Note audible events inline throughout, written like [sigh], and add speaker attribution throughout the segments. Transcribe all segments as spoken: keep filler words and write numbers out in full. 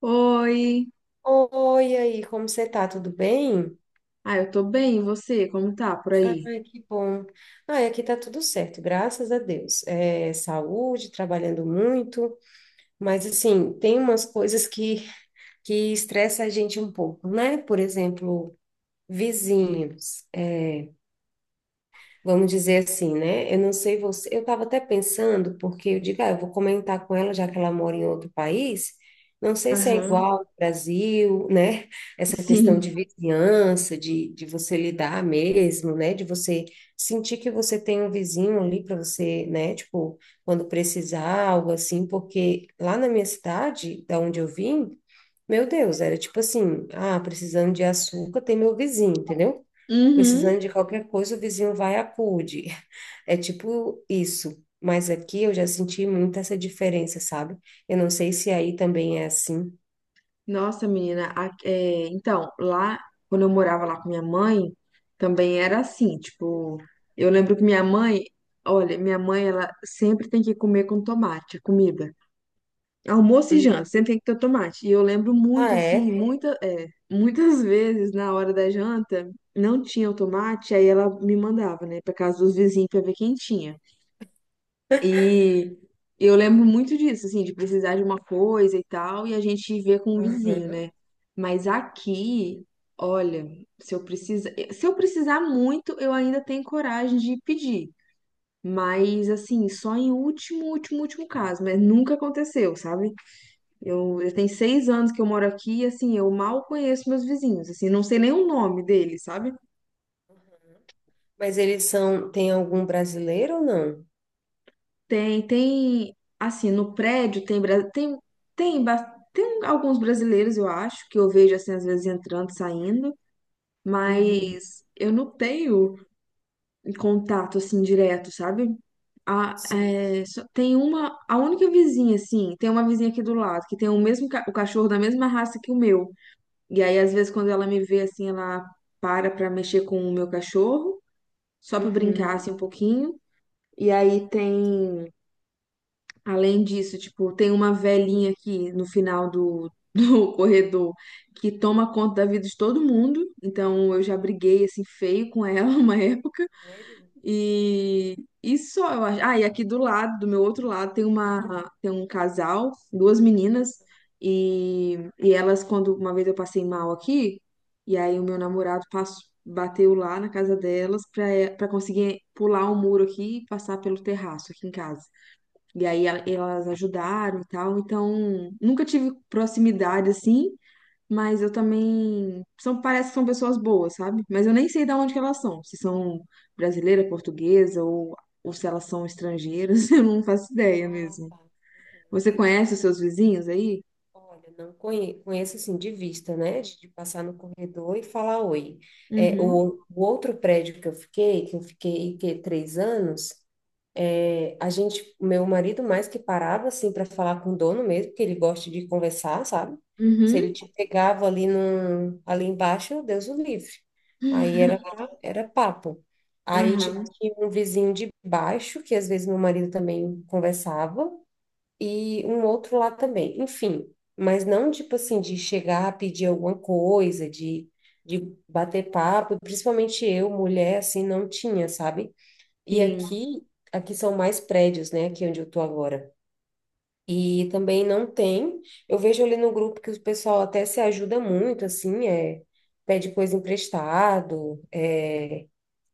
Speaker 1: Oi.
Speaker 2: Oi, e aí, como você tá? Tudo bem?
Speaker 1: Ah, eu tô bem, e você? Como tá por aí?
Speaker 2: Ai, que bom. Ai, aqui tá tudo certo, graças a Deus. É, saúde, trabalhando muito, mas assim, tem umas coisas que, que estressa a gente um pouco, né? Por exemplo, vizinhos. é, Vamos dizer assim, né? Eu não sei você. Eu estava até pensando, porque eu digo, ah, eu vou comentar com ela, já que ela mora em outro país. Não sei se é
Speaker 1: Aham.
Speaker 2: igual ao Brasil, [laughs] né? Essa questão de
Speaker 1: Sim.
Speaker 2: vizinhança, de, de você lidar mesmo, né? De você sentir que você tem um vizinho ali para você, né? Tipo, quando precisar, algo assim, porque lá na minha cidade, da onde eu vim, meu Deus, era tipo assim, ah, precisando de açúcar, tem meu vizinho, entendeu?
Speaker 1: Uhum.
Speaker 2: Precisando de qualquer coisa, o vizinho vai e acude. É tipo isso. Mas aqui eu já senti muito essa diferença, sabe? Eu não sei se aí também é assim.
Speaker 1: Nossa, menina, a- é, então, lá, quando eu morava lá com minha mãe, também era assim, tipo, eu lembro que minha mãe, olha, minha mãe, ela sempre tem que comer com tomate, a comida. Almoço e janta,
Speaker 2: Uhum.
Speaker 1: sempre tem que ter tomate. E eu lembro muito,
Speaker 2: Ah,
Speaker 1: assim,
Speaker 2: é?
Speaker 1: muita, é, muitas [laughs] vezes na hora da janta, não tinha o tomate, aí ela me mandava, né, pra casa dos vizinhos pra ver quem tinha. E eu lembro muito disso, assim, de precisar de uma coisa e tal, e a gente vê com o vizinho,
Speaker 2: Aham.
Speaker 1: né? Mas aqui, olha, se eu precisar se eu precisar muito, eu ainda tenho coragem de pedir. Mas assim, só em último, último, último caso, mas nunca aconteceu, sabe? Eu, eu tenho seis anos que eu moro aqui, e assim, eu mal conheço meus vizinhos, assim, não sei nem o nome deles, sabe?
Speaker 2: Mas eles são. Tem algum brasileiro ou não?
Speaker 1: Tem, tem, assim, no prédio tem, bra- tem, tem, bas- tem alguns brasileiros, eu acho, que eu vejo, assim, às vezes entrando, saindo,
Speaker 2: Uhum.
Speaker 1: mas eu não tenho contato, assim, direto, sabe? A,
Speaker 2: Sim.
Speaker 1: é, só- tem uma, a única vizinha, assim, tem uma vizinha aqui do lado, que tem o mesmo, ca- o cachorro da mesma raça que o meu, e aí, às vezes, quando ela me vê, assim, ela para pra mexer com o meu cachorro, só pra brincar,
Speaker 2: Uhum.
Speaker 1: assim, um pouquinho, e aí tem. Além disso, tipo, tem uma velhinha aqui no final do, do [laughs] corredor que toma conta da vida de todo mundo. Então eu já briguei assim feio com ela [laughs] uma época.
Speaker 2: Sério?
Speaker 1: E, e só eu acho. Ah, e aqui do lado, do meu outro lado, tem uma tem um casal, duas meninas, e, e elas, quando uma vez eu passei mal aqui, e aí o meu namorado passou, bateu lá na casa delas pra para conseguir pular o muro aqui e passar pelo terraço aqui em casa. E aí a- elas ajudaram e tal. Então, nunca tive proximidade assim, mas eu também são parece que são pessoas boas, sabe? Mas eu nem sei de onde que elas são, se são brasileira, portuguesa ou ou se elas são estrangeiras, [laughs] eu não faço ideia
Speaker 2: Ah,
Speaker 1: mesmo.
Speaker 2: tá. Uhum,
Speaker 1: Você
Speaker 2: entendi.
Speaker 1: conhece os seus vizinhos aí?
Speaker 2: Olha, não conhe- conheço assim de vista, né? De, de passar no corredor e falar oi. É,
Speaker 1: Uhum.
Speaker 2: o, o outro prédio que eu fiquei, que eu fiquei que, três anos. É, a gente, meu marido mais que parava assim para falar com o dono mesmo, que ele gosta de conversar, sabe? Se ele
Speaker 1: Uhum.
Speaker 2: te pegava ali num, ali embaixo, Deus o livre. Aí era era papo. Aí tipo,
Speaker 1: Aham.
Speaker 2: tinha um vizinho de baixo que às vezes meu marido também conversava e um outro lá também. Enfim, mas não tipo assim de chegar a pedir alguma coisa, de de bater papo, principalmente eu, mulher, assim, não tinha, sabe? E
Speaker 1: Sim.
Speaker 2: aqui, aqui são mais prédios, né? Aqui onde eu tô agora. E também não tem. Eu vejo ali no grupo que o pessoal até se ajuda muito, assim, é, pede coisa emprestado, é,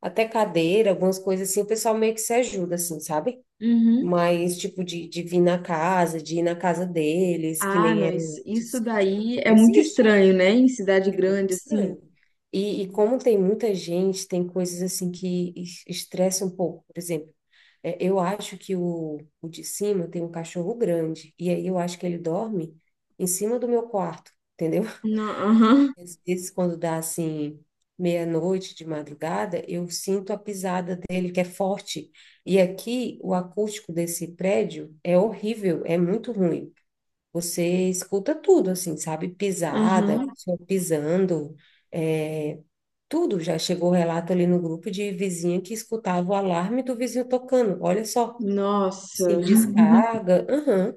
Speaker 2: até cadeira, algumas coisas assim, o pessoal meio que se ajuda, assim, sabe?
Speaker 1: Uhum.
Speaker 2: Mas, tipo, de, de vir na casa, de ir na casa deles, que
Speaker 1: Ah,
Speaker 2: nem
Speaker 1: não,
Speaker 2: era
Speaker 1: isso, isso
Speaker 2: antes, não,
Speaker 1: daí
Speaker 2: não
Speaker 1: é muito
Speaker 2: existe.
Speaker 1: estranho, né? Em cidade
Speaker 2: É muito
Speaker 1: grande assim.
Speaker 2: estranho. E, e como tem muita gente, tem coisas assim que es- estressa um pouco. Por exemplo, é, eu acho que o, o de cima tem um cachorro grande, e aí eu acho que ele dorme em cima do meu quarto, entendeu?
Speaker 1: Não.
Speaker 2: [laughs]
Speaker 1: Aham.
Speaker 2: Às vezes, quando dá assim, meia-noite de madrugada, eu sinto a pisada dele, que é forte. E aqui, o acústico desse prédio é horrível, é muito ruim. Você escuta tudo, assim, sabe? Pisada,
Speaker 1: Aham.
Speaker 2: pessoa pisando, é, tudo. Já chegou relato ali no grupo de vizinha que escutava o alarme do vizinho tocando. Olha só.
Speaker 1: Nossa.
Speaker 2: Sim,
Speaker 1: [laughs]
Speaker 2: descarga. Aham.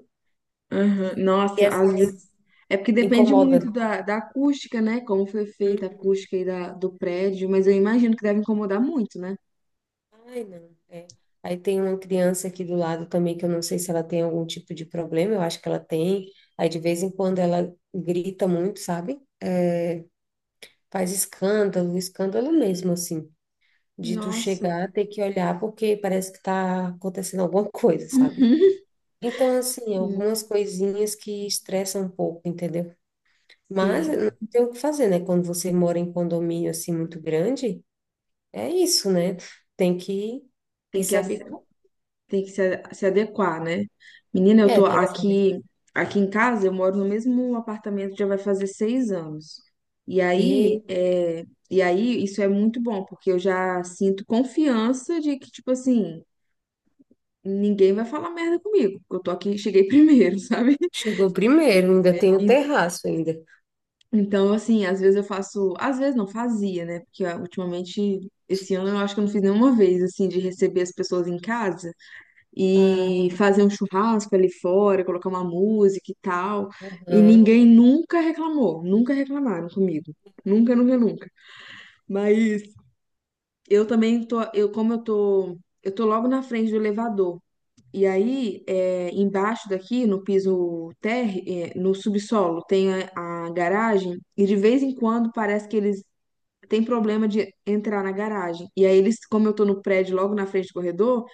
Speaker 1: Aham.
Speaker 2: E
Speaker 1: Nossa,
Speaker 2: às
Speaker 1: às vezes.
Speaker 2: vezes
Speaker 1: É porque depende
Speaker 2: incomoda.
Speaker 1: muito da, da acústica, né? Como foi feita a
Speaker 2: Uhum.
Speaker 1: acústica aí da, do prédio, mas eu imagino que deve incomodar muito, né?
Speaker 2: Ai, não. É. Aí tem uma criança aqui do lado também que eu não sei se ela tem algum tipo de problema, eu acho que ela tem. Aí de vez em quando ela grita muito, sabe? É, faz escândalo, escândalo mesmo, assim. De tu
Speaker 1: Nossa.
Speaker 2: chegar, ter que olhar porque parece que tá acontecendo alguma [laughs] coisa, sabe?
Speaker 1: Uhum.
Speaker 2: Então, assim,
Speaker 1: Sim,
Speaker 2: algumas coisinhas que estressam um pouco, entendeu? Mas eh,
Speaker 1: sim,
Speaker 2: não tem o que fazer, né? Quando você mora em condomínio assim muito grande, é isso, né? Tem que ir
Speaker 1: tem que,
Speaker 2: se
Speaker 1: ace-
Speaker 2: habituar.
Speaker 1: tem que se, a- se adequar, né? Menina, eu
Speaker 2: É,
Speaker 1: tô
Speaker 2: tem que se habituar.
Speaker 1: aqui, aqui em casa, eu moro no mesmo apartamento, já vai fazer seis anos. E aí, é, e aí, isso é muito bom, porque eu já sinto confiança de que, tipo assim, ninguém vai falar merda comigo, porque eu tô aqui, cheguei primeiro, [laughs] sabe?
Speaker 2: Chegou primeiro, ainda
Speaker 1: É.
Speaker 2: tem o
Speaker 1: E-
Speaker 2: terraço ainda.
Speaker 1: Então, assim, às vezes eu faço, às vezes não fazia, né? Porque ah, ultimamente, esse ano eu acho que eu não fiz nenhuma vez, assim, de receber as pessoas em casa
Speaker 2: Ah,
Speaker 1: e fazer um churrasco ali fora, colocar uma música e tal. E
Speaker 2: aham.
Speaker 1: ninguém nunca reclamou, nunca reclamaram comigo. Nunca, nunca, nunca. Mas eu também tô, eu como eu tô, eu tô logo na frente do elevador. E aí, é, embaixo daqui, no piso térreo, é, no subsolo, tem a, a garagem, e de vez em quando parece que eles têm problema de entrar na garagem. E aí, eles, como eu tô no prédio logo na frente do corredor,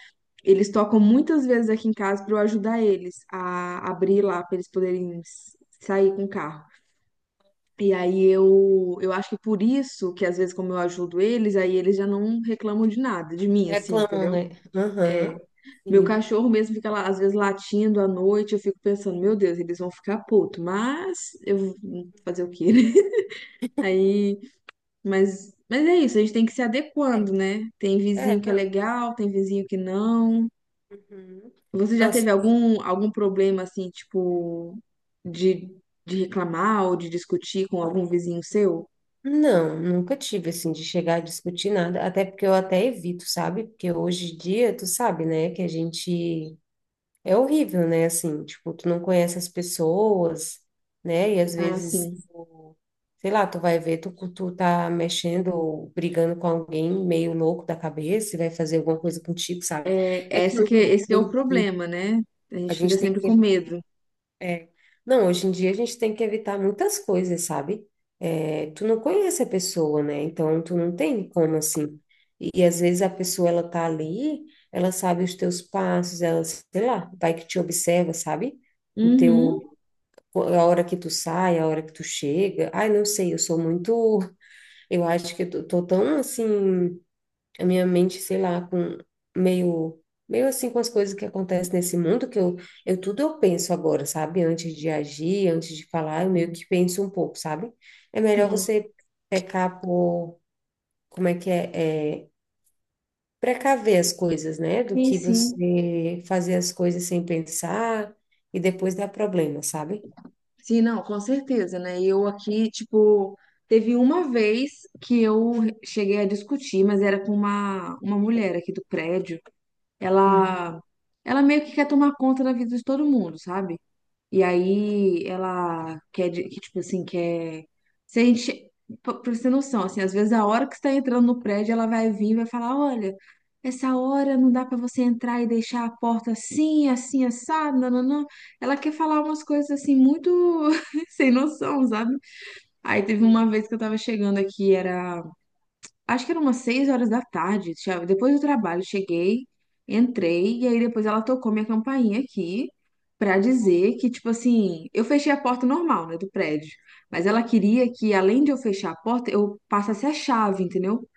Speaker 1: eles tocam muitas vezes aqui em casa para eu ajudar eles a abrir lá, para eles poderem s- sair com o carro. E aí eu, eu acho que por isso que às vezes como eu ajudo eles, aí eles já não reclamam de nada, de mim, assim,
Speaker 2: Reclamam,
Speaker 1: entendeu?
Speaker 2: né?
Speaker 1: É.
Speaker 2: Aham.
Speaker 1: Meu
Speaker 2: Sim.
Speaker 1: cachorro mesmo fica lá, às vezes, latindo à noite. Eu fico pensando, meu Deus, eles vão ficar puto. Mas eu fazer o quê, né? [laughs] Aí, mas, mas é isso, a gente tem que se
Speaker 2: É,
Speaker 1: adequando, né? Tem vizinho
Speaker 2: é,
Speaker 1: que é
Speaker 2: não.
Speaker 1: legal, tem vizinho que não.
Speaker 2: Uhum.
Speaker 1: Você já
Speaker 2: Nossa,
Speaker 1: teve algum, algum problema assim, tipo, de, de reclamar ou de discutir com algum vizinho seu?
Speaker 2: não, nunca tive assim de chegar a discutir nada, até porque eu até evito, sabe? Porque hoje em dia, tu sabe, né, que a gente. É horrível, né? Assim, tipo, tu não conhece as pessoas, né? E às
Speaker 1: Ah,
Speaker 2: vezes,
Speaker 1: sim.
Speaker 2: tu- sei lá, tu vai ver, tu, tu tá mexendo, ou brigando com alguém meio louco da cabeça e vai fazer alguma coisa contigo, sabe?
Speaker 1: É,
Speaker 2: É que
Speaker 1: essa que,
Speaker 2: hoje
Speaker 1: é, esse que é
Speaker 2: em
Speaker 1: o
Speaker 2: dia,
Speaker 1: problema, né? A
Speaker 2: a
Speaker 1: gente fica
Speaker 2: gente tem
Speaker 1: sempre
Speaker 2: que
Speaker 1: com medo.
Speaker 2: é. Não, hoje em dia a gente tem que evitar muitas coisas, sabe? É, tu não conhece a pessoa, né? Então tu não tem como assim. E, e às vezes a pessoa ela tá ali, ela sabe os teus passos, ela, sei lá, vai que te observa, sabe? O teu,
Speaker 1: Uhum,
Speaker 2: a hora que tu sai, a hora que tu chega. Ai, não sei, eu sou muito, eu acho que eu tô, tô tão assim a minha mente, sei lá, com meio meio assim com as coisas que acontecem nesse mundo que eu eu tudo eu penso agora, sabe? Antes de agir, antes de falar, eu meio que penso um pouco, sabe? É melhor
Speaker 1: sim.
Speaker 2: você pecar por como é que é, é precaver as coisas, né? Do
Speaker 1: Sim,
Speaker 2: que
Speaker 1: sim.
Speaker 2: você fazer as coisas sem pensar e depois dar problema, sabe?
Speaker 1: Sim, não, com certeza, né? E eu aqui, tipo, teve uma vez que eu cheguei a discutir, mas era com uma, uma mulher aqui do prédio.
Speaker 2: Uhum.
Speaker 1: Ela, ela meio que quer tomar conta da vida de todo mundo, sabe? E aí ela quer, de- que, tipo assim, quer. Se a gente. Pra pra você ter noção, assim, às vezes a hora que você tá entrando no prédio, ela vai vir e vai falar: olha, essa hora não dá pra você entrar e deixar a porta assim, assim, assada, nananã. Ela quer falar umas coisas assim, muito [laughs] sem noção, sabe? Aí teve uma vez que eu tava chegando aqui, era. Acho que eram umas seis horas da tarde, tinha- depois do trabalho, cheguei, entrei, e aí depois ela tocou minha campainha aqui pra dizer que, tipo assim, eu fechei a porta normal, né, do prédio, mas ela queria que, além de eu fechar a porta, eu passasse a chave, entendeu?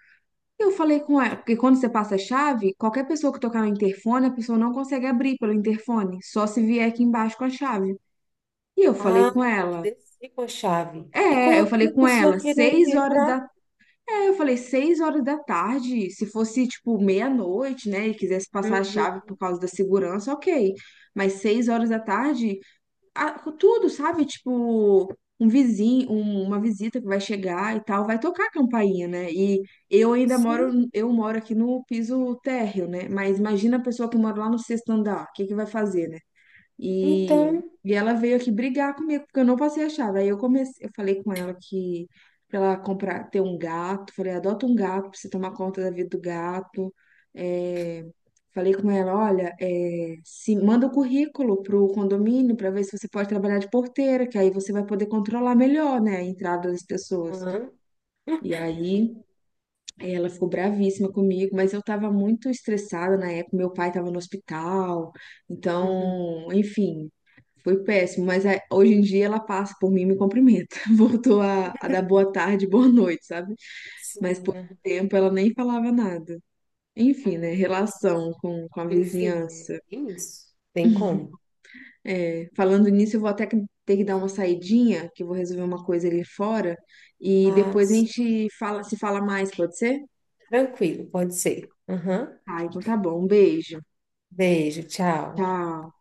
Speaker 1: E eu falei com ela, porque quando você passa a chave, qualquer pessoa que tocar no interfone, a pessoa não consegue abrir pelo interfone, só se vier aqui embaixo com a chave. E eu falei
Speaker 2: Ah,
Speaker 1: com
Speaker 2: tem que
Speaker 1: ela,
Speaker 2: descer com a chave. E
Speaker 1: é, eu
Speaker 2: quando
Speaker 1: falei
Speaker 2: a
Speaker 1: com ela,
Speaker 2: pessoa querer
Speaker 1: seis horas
Speaker 2: entrar?
Speaker 1: da aí eu falei, seis horas da tarde, se fosse tipo meia-noite, né, e quisesse passar a
Speaker 2: Uhum.
Speaker 1: chave por causa da segurança, ok. Mas seis horas da tarde, a- com tudo, sabe? Tipo, um vizinho, um- uma visita que vai chegar e tal, vai tocar a campainha, né? E eu ainda moro,
Speaker 2: Sim.
Speaker 1: eu moro aqui no piso térreo, né? Mas imagina a pessoa que mora lá no sexto andar, o que que vai fazer, e,
Speaker 2: Então,
Speaker 1: e ela veio aqui brigar comigo, porque eu não passei a chave. Aí eu comecei, eu falei com ela que pra ela comprar, ter um gato, falei, adota um gato pra você tomar conta da vida do gato. É, falei com ela, olha, é, se manda o currículo pro condomínio pra ver se você pode trabalhar de porteira, que aí você vai poder controlar melhor, né, a entrada das pessoas.
Speaker 2: hã?
Speaker 1: E aí. Aí ela ficou bravíssima comigo, mas eu tava muito estressada na época. Meu pai tava no hospital,
Speaker 2: Uhum.
Speaker 1: então, enfim, foi péssimo. Mas é, hoje em dia ela passa por mim e me cumprimenta. [laughs] Voltou a, a dar
Speaker 2: [laughs]
Speaker 1: boa tarde, boa noite, sabe? Mas
Speaker 2: Sim,
Speaker 1: por um
Speaker 2: aham.
Speaker 1: tempo ela nem falava nada.
Speaker 2: Ah,
Speaker 1: Enfim, né?
Speaker 2: mas é isso.
Speaker 1: Relação com, com a
Speaker 2: Enfim, é
Speaker 1: vizinhança.
Speaker 2: é isso. Tem como.
Speaker 1: [laughs] É, falando nisso, eu vou até que- ter que dar uma saidinha, que eu vou resolver uma coisa ali fora. E
Speaker 2: Ah,
Speaker 1: depois a gente fala, se fala mais, pode ser?
Speaker 2: tranquilo, pode ser. Aham.
Speaker 1: Ah, então tá bom. Um beijo.
Speaker 2: Beijo, tchau.
Speaker 1: Tchau.